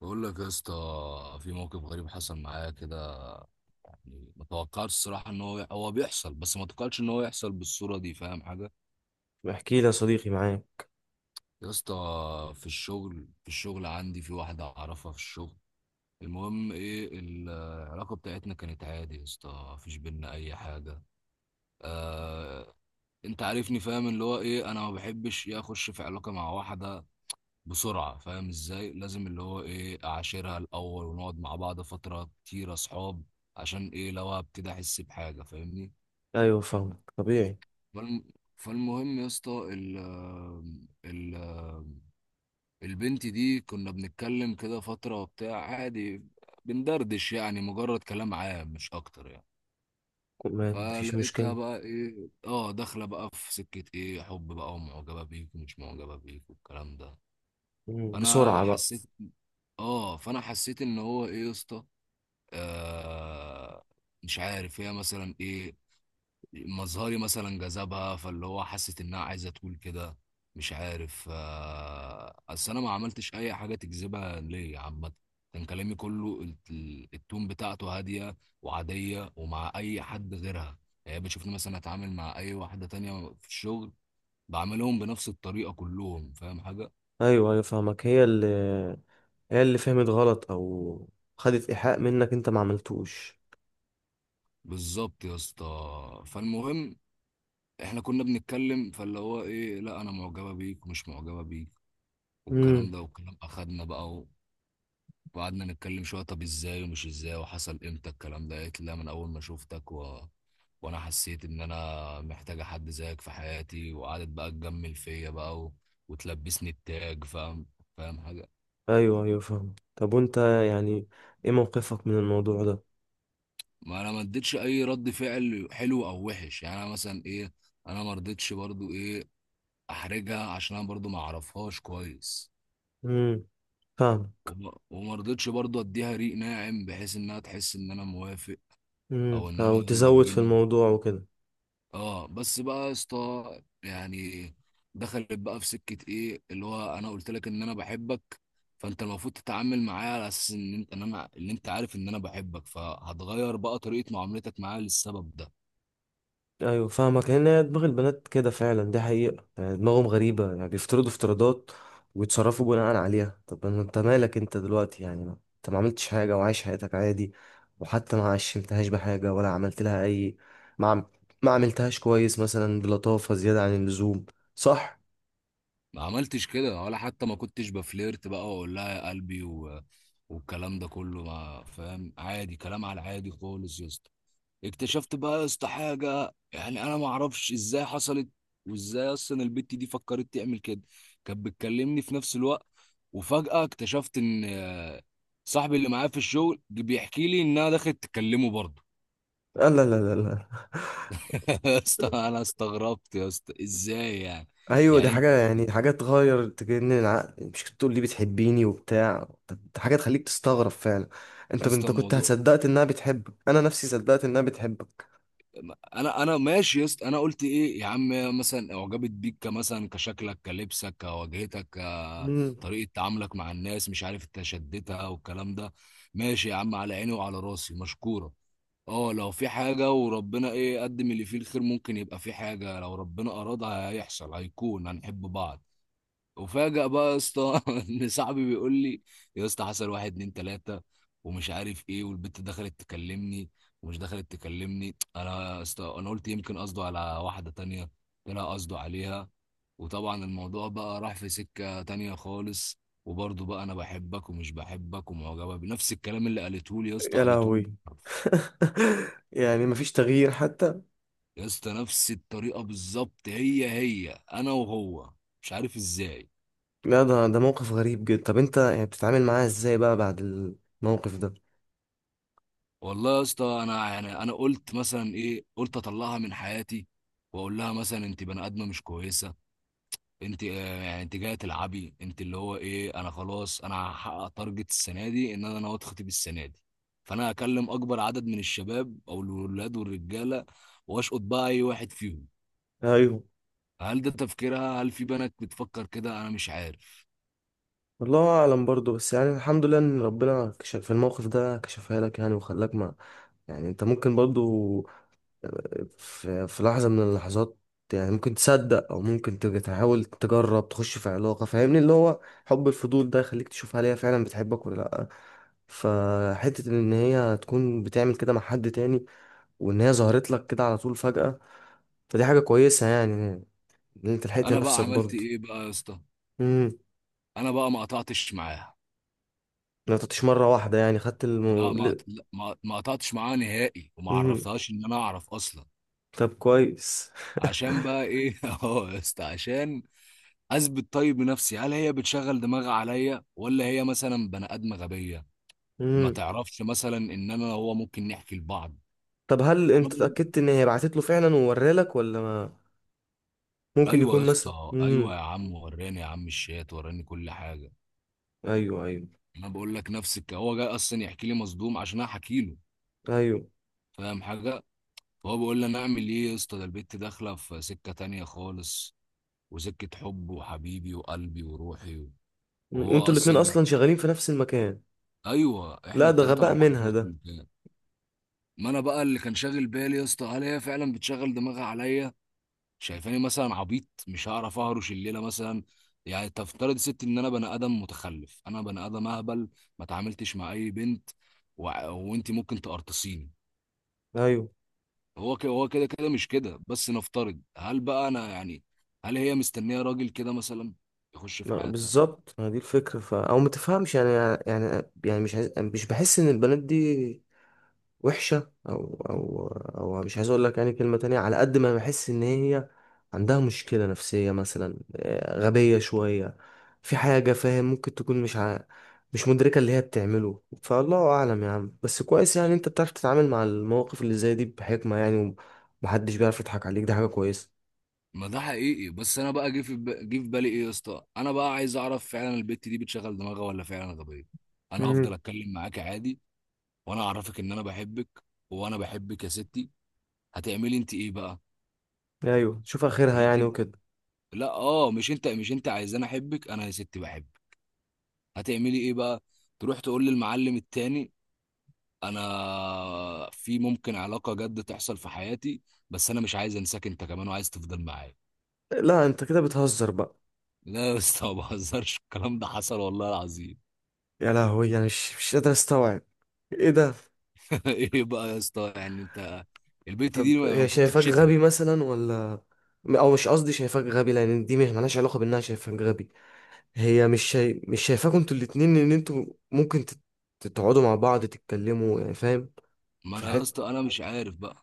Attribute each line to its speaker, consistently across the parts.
Speaker 1: بقول لك يا اسطى، في موقف غريب حصل معايا كده. يعني ما توقعتش الصراحه ان هو بيحصل، بس ما توقعتش ان هو يحصل بالصوره دي. فاهم حاجه؟
Speaker 2: احكي لي يا صديقي، معاك.
Speaker 1: يا اسطى، في الشغل عندي في واحده اعرفها في الشغل. المهم ايه، العلاقه بتاعتنا كانت عادي يا اسطى، مفيش بينا اي حاجه. آه. انت عارفني، فاهم اللي هو ايه، انا ما بحبش يا اخش في علاقه مع واحده بسرعة. فاهم ازاي؟ لازم اللي هو ايه، اعاشرها الاول، ونقعد مع بعض فترة كتير اصحاب. عشان ايه؟ لو هبتدي احس بحاجة. فاهمني؟
Speaker 2: ايوه، فاهمك، طبيعي.
Speaker 1: فالم... فالمهم يا اسطى، ال... البنت دي كنا بنتكلم كده فترة وبتاع، عادي. بندردش، يعني مجرد كلام عام مش اكتر يعني.
Speaker 2: ما فيش
Speaker 1: فلقيتها
Speaker 2: مشكله.
Speaker 1: بقى ايه، اه، داخلة بقى في سكة ايه، حب بقى، ومعجبة بيك ومش معجبة بيك والكلام ده. فانا
Speaker 2: بسرعه بقى.
Speaker 1: حسيت. اه فانا حسيت ان هو ايه يا اسطى. آه. مش عارف هي مثلا ايه، مظهري مثلا جذبها، فاللي هو حست انها عايزه تقول كده. مش عارف. اصل انا ما عملتش اي حاجه تجذبها ليا عامه. كان كلامي كله التون بتاعته هاديه وعاديه، ومع اي حد غيرها يعني. هي بتشوفني مثلا اتعامل مع اي واحده تانية في الشغل، بعملهم بنفس الطريقه كلهم. فاهم حاجه؟
Speaker 2: ايوه ايوه فاهمك. هي اللي فهمت غلط، او خدت ايحاء منك انت ما عملتوش.
Speaker 1: بالظبط يا اسطى. فالمهم، احنا كنا بنتكلم، فاللي هو ايه، لا انا معجبه بيك ومش معجبه بيك والكلام
Speaker 2: امم.
Speaker 1: ده والكلام. اخدنا بقى وقعدنا نتكلم شويه، طب ازاي ومش ازاي وحصل امتى الكلام ده. قالت لي لا، من اول ما شفتك وانا حسيت ان انا محتاجه حد زيك في حياتي. وقعدت بقى تجمل فيا بقى وتلبسني التاج. فاهم؟ فاهم حاجه؟
Speaker 2: ايوه ايوه فاهم. طب وانت يعني ايه موقفك من الموضوع ده؟
Speaker 1: ما انا ما اديتش اي رد فعل حلو او وحش يعني. انا مثلا ايه، انا ما رضيتش برضو ايه احرجها عشان انا برضو ما اعرفهاش كويس.
Speaker 2: امم. فاهم.
Speaker 1: وما رضيتش برضه اديها ريق ناعم بحيث انها تحس ان انا موافق، او ان انا
Speaker 2: او
Speaker 1: يلا
Speaker 2: تزود في
Speaker 1: بينا.
Speaker 2: الموضوع وكده.
Speaker 1: اه، بس بقى يا اسطى يعني، دخلت بقى في سكه ايه، اللي هو انا قلت لك ان انا بحبك، فانت المفروض تتعامل معايا على اساس ان انت، ان انا، ان انت عارف ان انا بحبك، فهتغير بقى طريقه معاملتك معايا للسبب ده.
Speaker 2: ايوه فاهمك، لان هي دماغ البنات كده فعلا، دي حقيقة. يعني دماغهم غريبة، يعني بيفترضوا افتراضات ويتصرفوا بناء عليها. طب ما انت مالك انت دلوقتي، يعني انت ما عملتش حاجة وعايش حياتك عادي. وحتى ما عشمتهاش بحاجة ولا عملت لها اي. ما عم... ما عملتهاش كويس مثلا بلطافة زيادة عن اللزوم، صح؟
Speaker 1: ما عملتش كده، ولا حتى ما كنتش بفليرت بقى واقول لها يا قلبي والكلام ده كله. ما فاهم، عادي، كلام على العادي خالص يا اسطى. اكتشفت بقى يا اسطى حاجه، يعني انا ما اعرفش ازاي حصلت، وازاي اصلا البت دي فكرت تعمل كده. كانت بتكلمني في نفس الوقت، وفجاه اكتشفت ان آه، صاحبي اللي معايا في الشغل جه بيحكي لي انها دخلت تكلمه برضه.
Speaker 2: لا لا لا لا لا.
Speaker 1: يا اسطى، انا استغربت يا اسطى، ازاي يعني؟
Speaker 2: ايوه دي
Speaker 1: يعني انت.
Speaker 2: حاجه، يعني حاجه تغير، تجنن العقل. مش كنت تقول لي بتحبيني وبتاع؟ طب دي حاجه تخليك تستغرب فعلا. انت
Speaker 1: يا اسطى
Speaker 2: انت كنت
Speaker 1: الموضوع،
Speaker 2: هتصدقت انها بتحبك، انا نفسي صدقت انها بتحبك.
Speaker 1: انا ماشي يا اسطى. انا قلت ايه يا عم، مثلا اعجبت بيك، كمثلا كشكلك كلبسك كواجهتك
Speaker 2: مم.
Speaker 1: كطريقه تعاملك مع الناس، مش عارف انت شدتها والكلام ده. ماشي يا عم، على عيني وعلى راسي، مشكوره. اه، لو في حاجه وربنا ايه قدم اللي فيه الخير، ممكن يبقى في حاجه. لو ربنا ارادها هيحصل، هيكون هنحب بعض. وفاجأ بقى يا اسطى ان صاحبي بيقول لي يا اسطى، حصل واحد اتنين تلاته ومش عارف ايه، والبت دخلت تكلمني، ومش دخلت تكلمني انا يا اسطى. انا قلت يمكن قصده على واحده تانيه، طلع قصده عليها. وطبعا الموضوع بقى راح في سكه تانيه خالص. وبرضه بقى انا بحبك ومش بحبك ومعجبه، بنفس الكلام اللي قالته لي يا اسطى
Speaker 2: يا
Speaker 1: قالته له
Speaker 2: لهوي.
Speaker 1: بالحرف.
Speaker 2: يعني مفيش تغيير حتى؟
Speaker 1: يا اسطى، نفس الطريقه بالظبط، هي هي، انا وهو. مش عارف ازاي.
Speaker 2: لا، ده موقف غريب جدا. طب انت يعني بتتعامل معاها ازاي بقى بعد الموقف ده؟
Speaker 1: والله يا اسطى، انا يعني، انا قلت مثلا ايه، قلت اطلعها من حياتي، واقول لها مثلا انت بني ادمه مش كويسه، انت آه، يعني انت جايه تلعبي، انت اللي هو ايه، انا خلاص انا هحقق تارجت السنه دي، ان انا ناوي اتخطب السنه دي. فانا هكلم اكبر عدد من الشباب او الولاد والرجاله، واشقط بقى اي واحد فيهم.
Speaker 2: ايوه،
Speaker 1: هل ده تفكيرها؟ هل في بنات بتفكر كده؟ انا مش عارف.
Speaker 2: والله اعلم برضه، بس يعني الحمد لله ان ربنا كشف في الموقف ده، كشفها لك يعني، وخلاك ما... يعني انت ممكن برضه في لحظة من اللحظات يعني ممكن تصدق، او ممكن تحاول تجرب تخش في علاقة، فاهمني، اللي هو حب الفضول ده يخليك تشوف هل هي فعلا بتحبك ولا لا. فحتة ان هي تكون بتعمل كده مع حد تاني، وان هي ظهرت لك كده على طول فجأة، فدي حاجة كويسة يعني، ان انت لحقت
Speaker 1: انا بقى
Speaker 2: نفسك
Speaker 1: عملت
Speaker 2: برضه.
Speaker 1: ايه بقى يا اسطى؟
Speaker 2: امم.
Speaker 1: انا بقى ما قطعتش معاها.
Speaker 2: ما تعطيش مرة واحدة يعني، خدت الم...
Speaker 1: لا، ما
Speaker 2: ل-
Speaker 1: لا، ما ما قطعتش معاها نهائي، وما
Speaker 2: مم.
Speaker 1: عرفتهاش ان انا اعرف اصلا.
Speaker 2: طب كويس.
Speaker 1: عشان بقى ايه، اهو يا اسطى، عشان اثبت طيب بنفسي، هل هي بتشغل دماغها عليا، ولا هي مثلا بني ادم غبيه؟ ما
Speaker 2: امم.
Speaker 1: تعرفش مثلا ان انا هو ممكن نحكي لبعض.
Speaker 2: طب هل
Speaker 1: انا
Speaker 2: انت
Speaker 1: برضو.
Speaker 2: اتأكدت ان هي بعتت له فعلا وورالك، ولا ما ممكن
Speaker 1: ايوه يا
Speaker 2: يكون مثلا؟
Speaker 1: اسطى، ايوه يا عم، وراني يا عم الشات، وراني كل حاجه.
Speaker 2: ايوه ايوه.
Speaker 1: انا بقول لك نفس هو جاي اصلا يحكي لي مصدوم عشان انا احكي له.
Speaker 2: ايوه
Speaker 1: فاهم حاجه؟ فهو بيقول لي انا اعمل ايه يا اسطى، ده البت داخله في سكه تانية خالص، وسكة حب وحبيبي وقلبي وروحي وهو
Speaker 2: وانتوا الاتنين
Speaker 1: أصلا.
Speaker 2: اصلا شغالين في نفس المكان؟
Speaker 1: أيوه، إحنا
Speaker 2: لا ده
Speaker 1: التلاتة مع
Speaker 2: غباء
Speaker 1: بعض في
Speaker 2: منها
Speaker 1: نفس
Speaker 2: ده.
Speaker 1: المكان. ما أنا بقى اللي كان شاغل بالي يا اسطى، هل هي فعلا بتشغل دماغها عليا؟ شايفاني مثلا عبيط، مش هعرف أهرش الليلة مثلا، يعني تفترض يا ستي إن أنا بني آدم متخلف، أنا بني آدم أهبل، ما تعاملتش مع أي بنت و... وأنت ممكن تقرطصيني.
Speaker 2: ايوه،
Speaker 1: هو كده، هو كده كده، مش كده. بس نفترض، هل بقى أنا يعني، هل هي مستنية راجل كده مثلا يخش في
Speaker 2: ما
Speaker 1: حياتها؟
Speaker 2: بالظبط، ما دي الفكره او ما تفهمش يعني. يعني مش بحس ان البنات دي وحشه، او او مش عايز اقول لك يعني كلمه تانية. على قد ما بحس ان هي عندها مشكله نفسيه مثلا، غبيه شويه، في حاجه، فاهم؟ ممكن تكون مش مدركه اللي هي بتعمله. فالله اعلم يا عم، بس كويس يعني انت بتعرف تتعامل مع المواقف اللي زي دي بحكمه يعني، ومحدش بيعرف يضحك عليك، دي حاجه كويسه.
Speaker 1: ما ده حقيقي. بس انا بقى جه في جه في بالي ايه يا اسطى، انا بقى عايز اعرف فعلا البت دي بتشغل دماغها ولا فعلا غبيه. انا هفضل
Speaker 2: امم.
Speaker 1: اتكلم معاك عادي، وانا اعرفك ان انا بحبك. وانا بحبك يا ستي، هتعملي انت ايه بقى؟
Speaker 2: ايوه شوف اخرها
Speaker 1: مش انت.
Speaker 2: يعني وكده.
Speaker 1: لا اه، مش انت، مش انت عايزاني احبك؟ انا يا ستي بحبك، هتعملي ايه بقى؟ تروح تقول للمعلم التاني، انا في ممكن علاقه جد تحصل في حياتي، بس انا مش عايز انساك انت كمان، وعايز تفضل معايا.
Speaker 2: لا انت كده بتهزر بقى؟
Speaker 1: لا يا اسطى، ما بهزرش، الكلام ده حصل والله العظيم.
Speaker 2: يا لهوي، انا مش قادر استوعب، ايه ده؟
Speaker 1: ايه بقى يا اسطى يعني انت، البنت
Speaker 2: طب
Speaker 1: دي
Speaker 2: هي
Speaker 1: المفروض
Speaker 2: شايفاك
Speaker 1: تتشتم.
Speaker 2: غبي مثلا، ولا... او مش قصدي شايفاك غبي، لان دي مش مالهاش علاقه بانها شايفاك غبي. هي مش شايفاكوا انتوا الاتنين ان انتوا ممكن تقعدوا مع بعض تتكلموا يعني، فاهم؟
Speaker 1: ما
Speaker 2: في
Speaker 1: انا يا
Speaker 2: الحته.
Speaker 1: اسطى انا مش عارف بقى.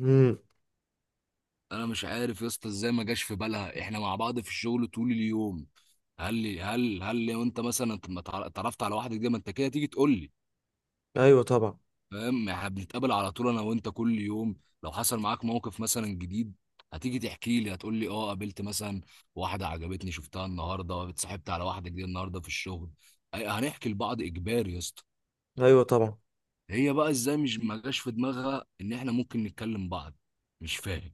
Speaker 2: امم.
Speaker 1: انا مش عارف يا اسطى ازاي ما جاش في بالها احنا مع بعض في الشغل طول اليوم. هل لي هل هل لو انت مثلا ما تع- اتعرفت على واحده، دي ما انت كده تيجي تقول لي.
Speaker 2: ايوه طبعا.
Speaker 1: فاهم؟ احنا بنتقابل على طول انا وانت كل يوم، لو حصل معاك موقف مثلا جديد هتيجي تحكي لي، هتقول لي اه قابلت مثلا واحده عجبتني شفتها النهارده، اتصاحبت على واحده جديده النهارده في الشغل. هنحكي لبعض اجباري يا اسطى.
Speaker 2: ايوه طبعا.
Speaker 1: هي بقى ازاي مش ما جاش في دماغها ان احنا ممكن نتكلم بعض؟ مش فاهم.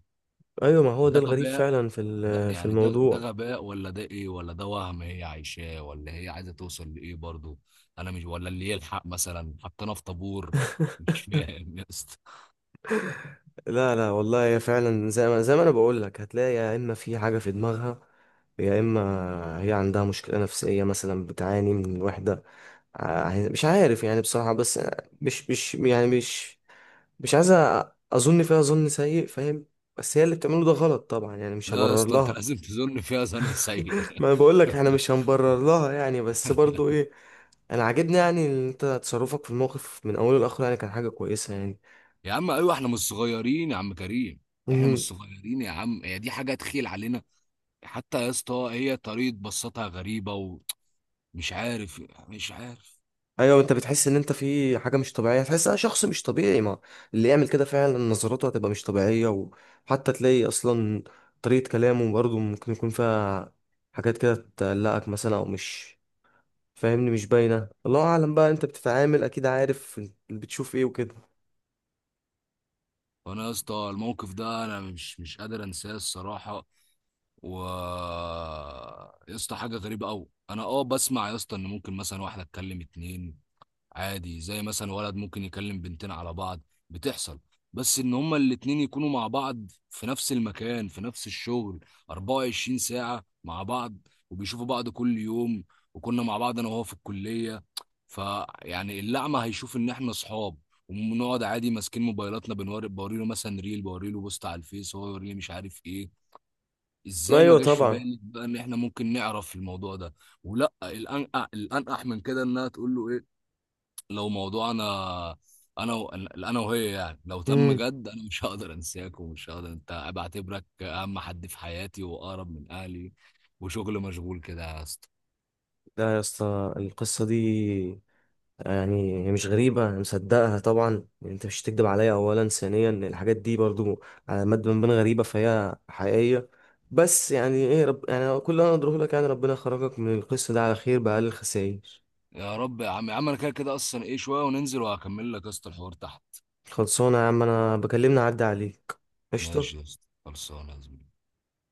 Speaker 2: ايوه، ما هو ده
Speaker 1: ده
Speaker 2: الغريب
Speaker 1: غباء.
Speaker 2: فعلا
Speaker 1: ده
Speaker 2: في
Speaker 1: يعني ده
Speaker 2: الموضوع.
Speaker 1: غباء، ولا ده ايه، ولا ده وهم هي عايشاه، ولا هي عايزه توصل لايه برضو؟ انا مش ولا اللي يلحق مثلا حطينا في طابور. مش فاهم يا اسطى.
Speaker 2: لا لا والله، هي فعلا زي ما انا بقول لك، هتلاقي يا اما في حاجه في دماغها، يا اما هي عندها مشكله نفسيه مثلا، بتعاني من الوحده. مش عارف يعني بصراحه، بس مش يعني مش عايز اظن فيها ظن سيء، فاهم؟ بس هي اللي بتعمله ده غلط طبعا، يعني مش
Speaker 1: لا يا
Speaker 2: هبرر
Speaker 1: اسطى، انت
Speaker 2: لها.
Speaker 1: لازم تظن فيها ظن سيء.
Speaker 2: ما انا بقول لك احنا مش هنبرر لها يعني، بس برضو ايه، انا عاجبني يعني ان انت تصرفك في الموقف من اوله لاخره يعني كان حاجه كويسه.
Speaker 1: يا عم ايوه، احنا مش صغيرين يا عم كريم، احنا مش
Speaker 2: يعني،
Speaker 1: صغيرين يا عم، هي دي حاجه تخيل علينا. حتى يا اسطى هي طريقه بصتها غريبه، ومش عارف، مش عارف.
Speaker 2: ايوه انت بتحس ان انت في حاجه مش طبيعيه، تحس انا شخص مش طبيعي، ما اللي يعمل كده فعلا نظراته هتبقى مش طبيعيه، وحتى تلاقي اصلا طريقه كلامه برضه ممكن يكون فيها حاجات كده تقلقك مثلا، او مش فاهمني، مش باينه. الله اعلم بقى، انت بتتعامل اكيد عارف اللي بتشوف ايه وكده.
Speaker 1: فانا يا اسطى الموقف ده انا مش قادر انساه الصراحه. و، يا اسطى حاجه غريبه قوي. انا اه بسمع يا اسطى ان ممكن مثلا واحده تكلم اتنين، عادي، زي مثلا ولد ممكن يكلم بنتين على بعض، بتحصل. بس ان هما الاتنين يكونوا مع بعض في نفس المكان، في نفس الشغل، 24 ساعة مع بعض، وبيشوفوا بعض كل يوم، وكنا مع بعض انا وهو في الكلية، فيعني اللعمة هيشوف ان احنا صحاب، ونقعد عادي ماسكين موبايلاتنا بنوري بوريله مثلا، ريل بوريله بوست على الفيس، هو يوريني مش عارف ايه. ازاي ما
Speaker 2: ايوه
Speaker 1: جاش في
Speaker 2: طبعا.
Speaker 1: بالي بقى ان احنا ممكن نعرف الموضوع ده؟ ولا الانقح من كده، انها تقول له ايه، لو موضوع انا، انا وهي يعني، لو تم
Speaker 2: امم.
Speaker 1: جد، انا مش هقدر انساك، ومش هقدر، انت بعتبرك اهم حد في حياتي واقرب من اهلي، وشغل مشغول كده يا اسطى.
Speaker 2: لا يا اسطى، القصه دي يعني هي مش غريبة، أنا مصدقها طبعا، يعني أنت مش هتكدب عليا. أولا، ثانيا الحاجات دي برضو على مد من بين غريبة، فهي حقيقية. بس يعني إيه رب، يعني كل اللي أنا أقدره لك يعني، ربنا يخرجك من القصة ده على خير بأقل الخسائر.
Speaker 1: يا رب يا عم. يا عم انا كده كده اصلا ايه، شويه وننزل وهكمل لك يا اسطى الحوار تحت.
Speaker 2: خلصانة يا عم، أنا بكلمنا عدى عليك. قشطة.
Speaker 1: ماشي يا اسطى، خلصانه يا زميلي.